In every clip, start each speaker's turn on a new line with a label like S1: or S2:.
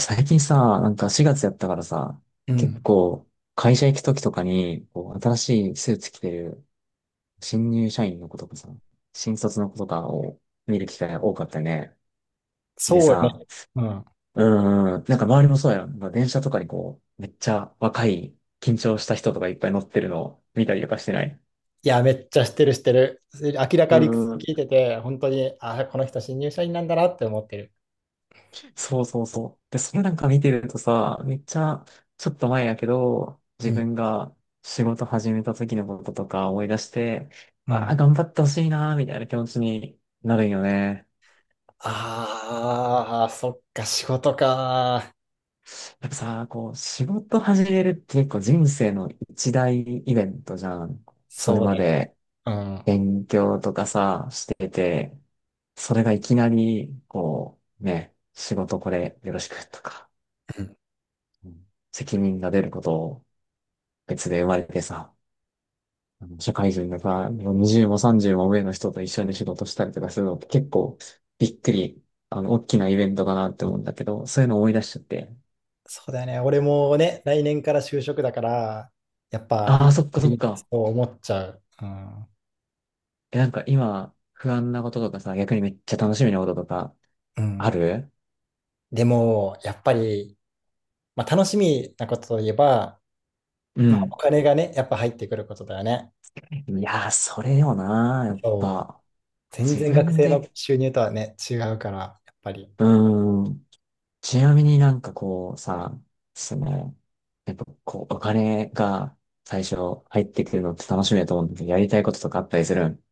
S1: 最近さ、なんか4月やったからさ、
S2: う
S1: 結
S2: ん。
S1: 構会社行く時とかに、こう、新しいスーツ着てる新入社員の子とかさ、新卒の子とかを見る機会が多かったね。で
S2: そうよね。
S1: さ、
S2: うん。
S1: うなんか周りもそうやろ。まあ電車とかにこう、めっちゃ若い、緊張した人とかいっぱい乗ってるのを見たりとかしてない。
S2: いや、めっちゃ知ってる知ってる。明ら
S1: う
S2: かに聞
S1: ーん。
S2: いてて、本当に、あ、この人新入社員なんだなって思ってる。
S1: そうそうそう。で、それなんか見てるとさ、めっちゃ、ちょっと前やけど、
S2: う
S1: 自
S2: ん。
S1: 分が仕事始めた時のこととか思い出して、
S2: う
S1: ああ、
S2: ん。
S1: 頑張ってほしいなーみたいな気持ちになるんよね。
S2: ああ、そっか、仕事か。
S1: やっぱさ、こう、仕事始めるって結構人生の一大イベントじゃん。それ
S2: そう
S1: ま
S2: だよね。
S1: で
S2: うん。
S1: 勉強とかさ、してて、それがいきなり、こう、ね、仕事これよろしくとか、
S2: うん。
S1: うん、責任が出ることを別で生まれてさ、社会人のさ、20も30も上の人と一緒に仕事したりとかするのって結構びっくり、大きなイベントかなって思うんだけど、そういうの思い出しちゃって、
S2: そうだよね。俺もね、来年から就職だから、やっぱ、
S1: ああ、そっかそっ
S2: そ
S1: か。
S2: う思っちゃう。うん。
S1: え、なんか今、不安なこととかさ、逆にめっちゃ楽しみなこととか、
S2: う
S1: あ
S2: ん。
S1: る、
S2: でも、やっぱり、まあ、楽しみなことといえば、
S1: う
S2: まあ、お
S1: ん。
S2: 金がね、やっぱ入ってくることだよね。
S1: いやー、それよなー、やっ
S2: そう。
S1: ぱ。
S2: 全
S1: 自
S2: 然学
S1: 分
S2: 生の
S1: で、
S2: 収入とはね、違うから、やっぱり、
S1: うーん。ちなみになんかこうさ、その、やっぱこう、お金が最初入ってくるのって楽しみだと思うんだけど、やりたいこととかあったりするん、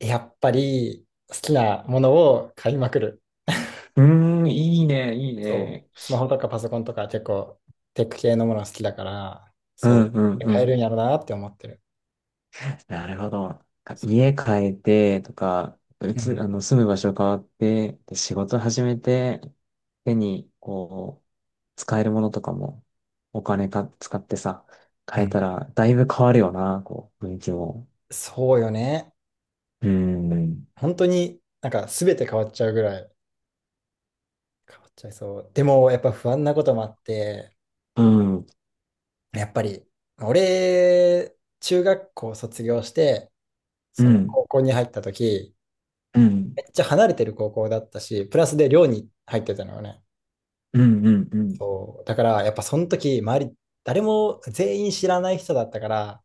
S2: やっぱり好きなものを買いまくる。
S1: いいね、いい
S2: そう。
S1: ね。
S2: スマホとかパソコンとか結構テック系のもの好きだから、
S1: う
S2: そ
S1: んうん
S2: う。
S1: う
S2: 買えるん
S1: ん。
S2: やろうなって思ってる。
S1: なるほど。なんか家変えてとか、
S2: うん。
S1: 住む場所変わって、で、仕事始めて、手に、こう、使えるものとかも、お金か、使ってさ、
S2: う
S1: 変え
S2: ん。
S1: たら、だいぶ変わるよな、こう、雰囲気も。
S2: そうよね。
S1: うーん、
S2: 本当になんか全て変わっちゃうぐらい変わっちゃいそう。でもやっぱ不安なこともあって、
S1: うん、うん、
S2: やっぱり、俺、中学校卒業して、
S1: う
S2: その
S1: ん、
S2: 高校に入った時、
S1: うん、
S2: めっちゃ離れてる高校だったし、プラスで寮に入ってたのよね。
S1: うん、うん、
S2: そう。だから、やっぱその時、周り、誰も全員知らない人だったから、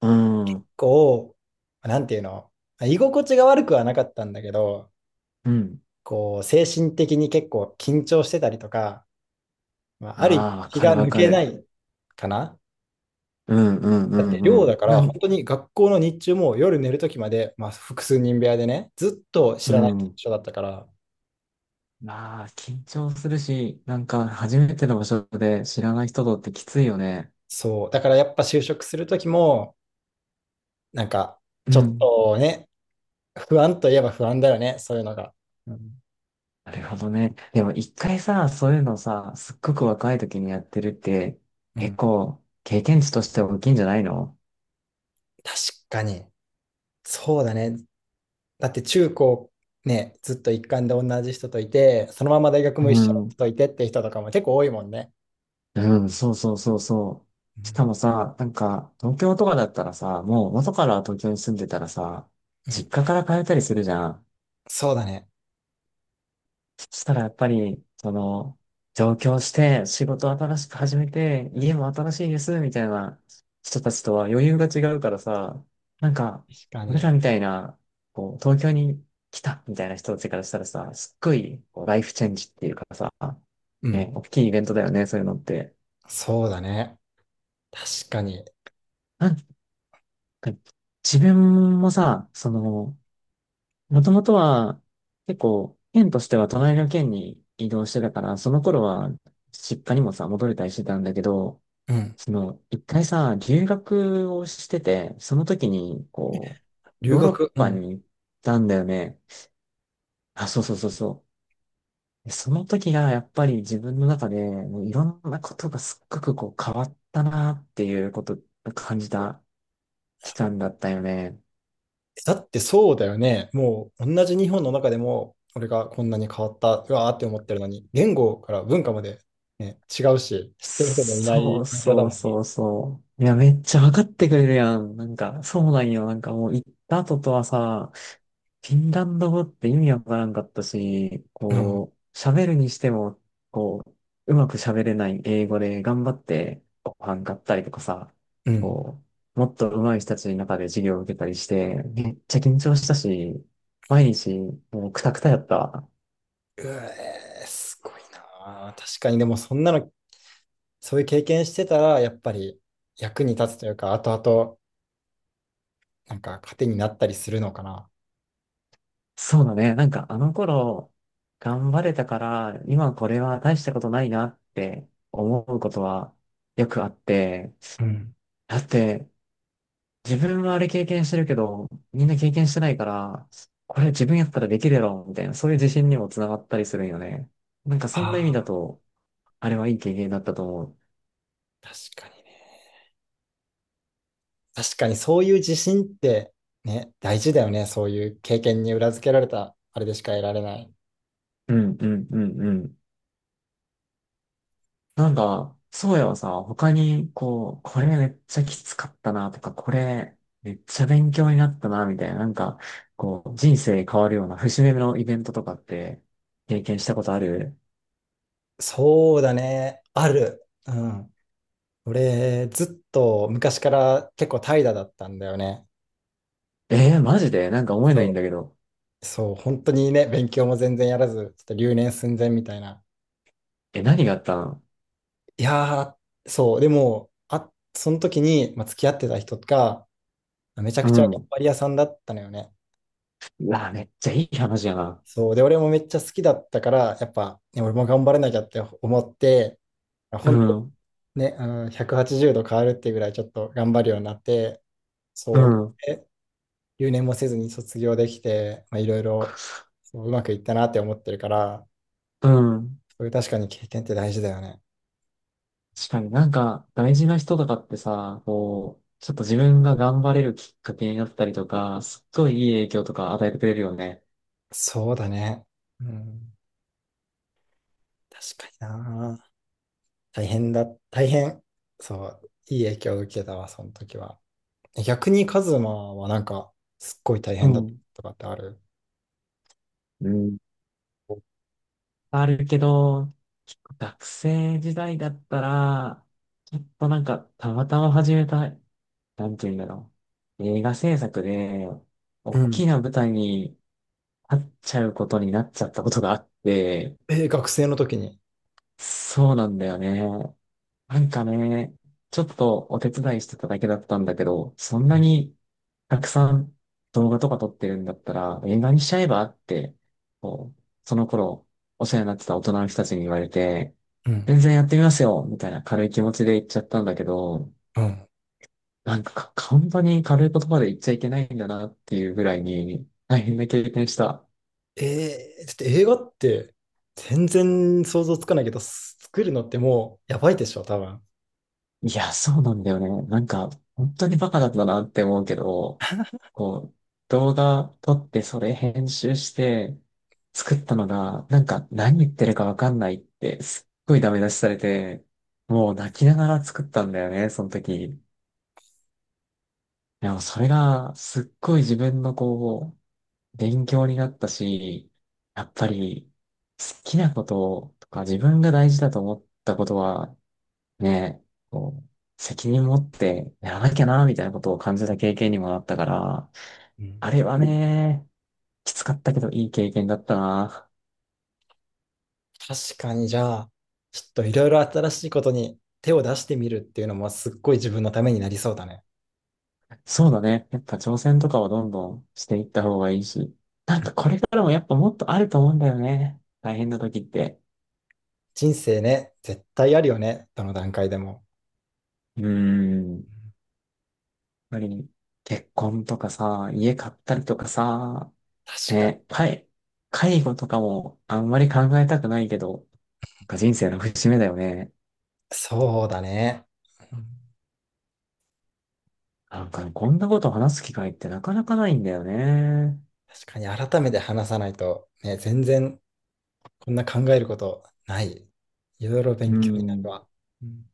S1: うん、
S2: こう、なんていうの、居心地が悪くはなかったんだけど、
S1: うん。
S2: こう、精神的に結構緊張してたりとか、まあ、ある意
S1: あ
S2: 味
S1: あ、わ
S2: 気
S1: か
S2: が
S1: るわ
S2: 抜
S1: か
S2: けな
S1: る。
S2: いかな。
S1: うん、うん、う
S2: だって
S1: ん、
S2: 寮
S1: う
S2: だ
S1: ん。
S2: か
S1: な
S2: ら本
S1: ん、
S2: 当に学校の日中も夜寝る時まで、まあ、複数人部屋でねずっと知
S1: う
S2: らない
S1: ん。
S2: 人だったから。
S1: まあ、緊張するし、なんか初めての場所で知らない人とってきついよね。
S2: そうだからやっぱ就職する時も、なんか、
S1: う
S2: ちょっ
S1: ん。
S2: とね、不安といえば不安だよね、そういうのが。うん。
S1: なるほどね。でも一回さ、そういうのさ、すっごく若い時にやってるって、
S2: う
S1: 結
S2: ん、
S1: 構経験値として大きいんじゃないの、
S2: 確かに。そうだね。だって中高ね、ずっと一貫で同じ人といて、そのまま大学
S1: う
S2: も一緒の
S1: ん。
S2: 人といてって人とかも結構多いもんね。
S1: うん、そうそうそうそ
S2: う
S1: う。しか
S2: ん。
S1: もさ、なんか東京とかだったらさ、もう元から東京に住んでたらさ、
S2: うん、
S1: 実家から通ったりするじゃん。
S2: そうだね。
S1: そしたらやっぱり、上京して、仕事新しく始めて、家も新しいです、みたいな人たちとは余裕が違うからさ、なんか、
S2: 確か
S1: 俺
S2: に。
S1: らみたいな、こう、東京に来た、みたいな人たちからしたらさ、すっごい、こうライフチェンジっていうかさ、
S2: うん。
S1: ね、大きいイベントだよね、そういうのって。
S2: そうだね。確かに。
S1: なんか、自分もさ、もともとは、結構、県としては隣の県に移動してたから、その頃は、実家にもさ、戻れたりしてたんだけど、
S2: うん。
S1: 一回さ、留学をしてて、その時に、こう、
S2: 留
S1: ヨーロッ
S2: 学。う
S1: パ
S2: ん。
S1: に行ったんだよね。あ、そうそうそうそう。その時が、やっぱり自分の中で、もういろんなことがすっごくこう、変わったなっていうことを感じた期間だったよね。
S2: だってそうだよね。もう同じ日本の中でも、俺がこんなに変わった、うわーって思ってるのに、言語から文化まで、ね、違うし、知ってる人もいな
S1: そ
S2: い
S1: う
S2: 感じだもん
S1: そう
S2: ね。
S1: そうそう。いや、めっちゃ分かってくれるやん。なんか、そうなんよ。なんかもう行った後とはさ、フィンランド語って意味わからんかったし、
S2: うん。
S1: こう、喋るにしても、こう、うまく喋れない英語で頑張ってご飯買ったりとかさ、
S2: うん。
S1: こう、もっと上手い人たちの中で授業を受けたりして、めっちゃ緊張したし、毎日もうクタクタやったわ。
S2: うえー、すごいなー。確かに、でもそんなの、そういう経験してたら、やっぱり役に立つというか、後々、なんか糧になったりするのかな。
S1: そうだね。なんかあの頃、頑張れたから、今これは大したことないなって思うことはよくあって、
S2: うん。
S1: だって自分はあれ経験してるけど、みんな経験してないから、これ自分やったらできるやろ、みたいな、そういう自信にもつながったりするんよね。なんかそんな意味
S2: あ
S1: だ
S2: あ、
S1: と、あれはいい経験だったと思
S2: 確かにね。確かにそういう自信って、ね、大事だよね。そういう経験に裏付けられた、あれでしか得られない。
S1: う。うんうんうんうん。そうやはさ、他に、こう、これめっちゃきつかったなとか、これめっちゃ勉強になったなみたいな、なんか、こう、人生変わるような節目のイベントとかって経験したことある、
S2: そうだね。ある。うん。俺、ずっと昔から結構怠惰だったんだよね。
S1: えー、マジでなんか思えない
S2: そ
S1: んだけど。
S2: う。そう、本当にね、勉強も全然やらず、ちょっと留年寸前みたいな。
S1: え、何があったの、
S2: いやー、そう、でも、あ、その時に、まあ、付き合ってた人が、めちゃ
S1: う
S2: くちゃ頑
S1: ん。
S2: 張り屋さんだったのよね。
S1: うわ、めっちゃいい話やな。
S2: そう、で、俺もめっちゃ好きだったから、やっぱ、ね、俺も頑張らなきゃって思って、
S1: う
S2: 本当に
S1: ん、
S2: ね、180度変わるっていうぐらいちょっと頑張るようになって、
S1: う
S2: そう、
S1: ん、
S2: 留年もせずに卒業できて、まあ、いろいろそううまくいったなって思ってるから、
S1: うん。
S2: そういう確かに経験って大事だよね。
S1: 確かになんか、大事な人とかってさ、こう、ちょっと自分が頑張れるきっかけになったりとか、すっごいいい影響とか与えてくれるよね。
S2: そうだね。うん。確かにな。大変だ。大変。そう。いい影響を受けたわ、その時は。逆にカズマはなんか、すっごい大
S1: う
S2: 変だった
S1: ん。
S2: とかってある。
S1: うん。あるけど、結構学生時代だったら、ちょっとなんか、たまたま始めた、なんて言うんだろう。映画制作で、
S2: う
S1: 大
S2: ん。
S1: きな舞台に立っちゃうことになっちゃったことがあって、
S2: えー、学生の時に。
S1: そうなんだよね。なんかね、ちょっとお手伝いしてただけだったんだけど、そんなにたくさん動画とか撮ってるんだったら映画にしちゃえばって、こう、その頃お世話になってた大人の人たちに言われて、
S2: うん。
S1: 全然やってみますよみたいな軽い気持ちで言っちゃったんだけど、
S2: うん。
S1: なんか本当に軽い言葉で言っちゃいけないんだなっていうぐらいに大変な経験した。
S2: えー、だって映画って全然想像つかないけど、作るのってもうやばいでしょ、多分。
S1: いや、そうなんだよね。なんか、本当にバカだったなって思うけど、こう、動画撮ってそれ編集して作ったのが、なんか何言ってるかわかんないって、すっごいダメ出しされて、もう泣きながら作ったんだよね、その時。でもそれが、すっごい自分のこう、勉強になったし、やっぱり、好きなこととか自分が大事だと思ったことは、ね、こう、責任持ってやらなきゃな、みたいなことを感じた経験にもなったから、
S2: うん。
S1: あれはね、きつかったけどいい経験だったな。
S2: 確かに、じゃあ、ちょっといろいろ新しいことに手を出してみるっていうのもすっごい自分のためになりそうだね。
S1: そうだね。やっぱ挑戦とかはどんどんしていった方がいいし。なんかこれからもやっぱもっとあると思うんだよね。大変な時って。
S2: 人生ね、絶対あるよね、どの段階でも。
S1: うーん。やっ
S2: うん。
S1: ぱり結婚とかさ、家買ったりとかさ、
S2: 確かに、
S1: ね、介護とかもあんまり考えたくないけど、なんか人生の節目だよね。
S2: そうだね。うん。
S1: なんかね、こんなこと話す機会ってなかなかないんだよね。
S2: 確かに、改めて話さないと、ね、全然こんな考えることない。いろいろ
S1: う
S2: 勉強になる
S1: ん。
S2: わ。うん。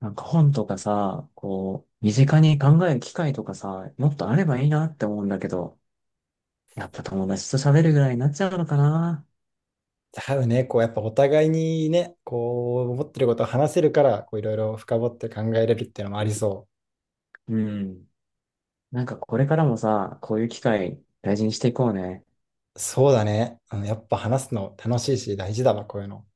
S1: なんか本とかさ、こう、身近に考える機会とかさ、もっとあればいいなって思うんだけど、やっぱ友達と喋るぐらいになっちゃうのかな。
S2: だよね、こうやっぱお互いにね、こう思ってることを話せるから、こういろいろ深掘って考えれるっていうのもありそう。
S1: うん。なんかこれからもさ、こういう機会大事にしていこうね。
S2: そうだね。うん。やっぱ話すの楽しいし大事だわ、こういうの。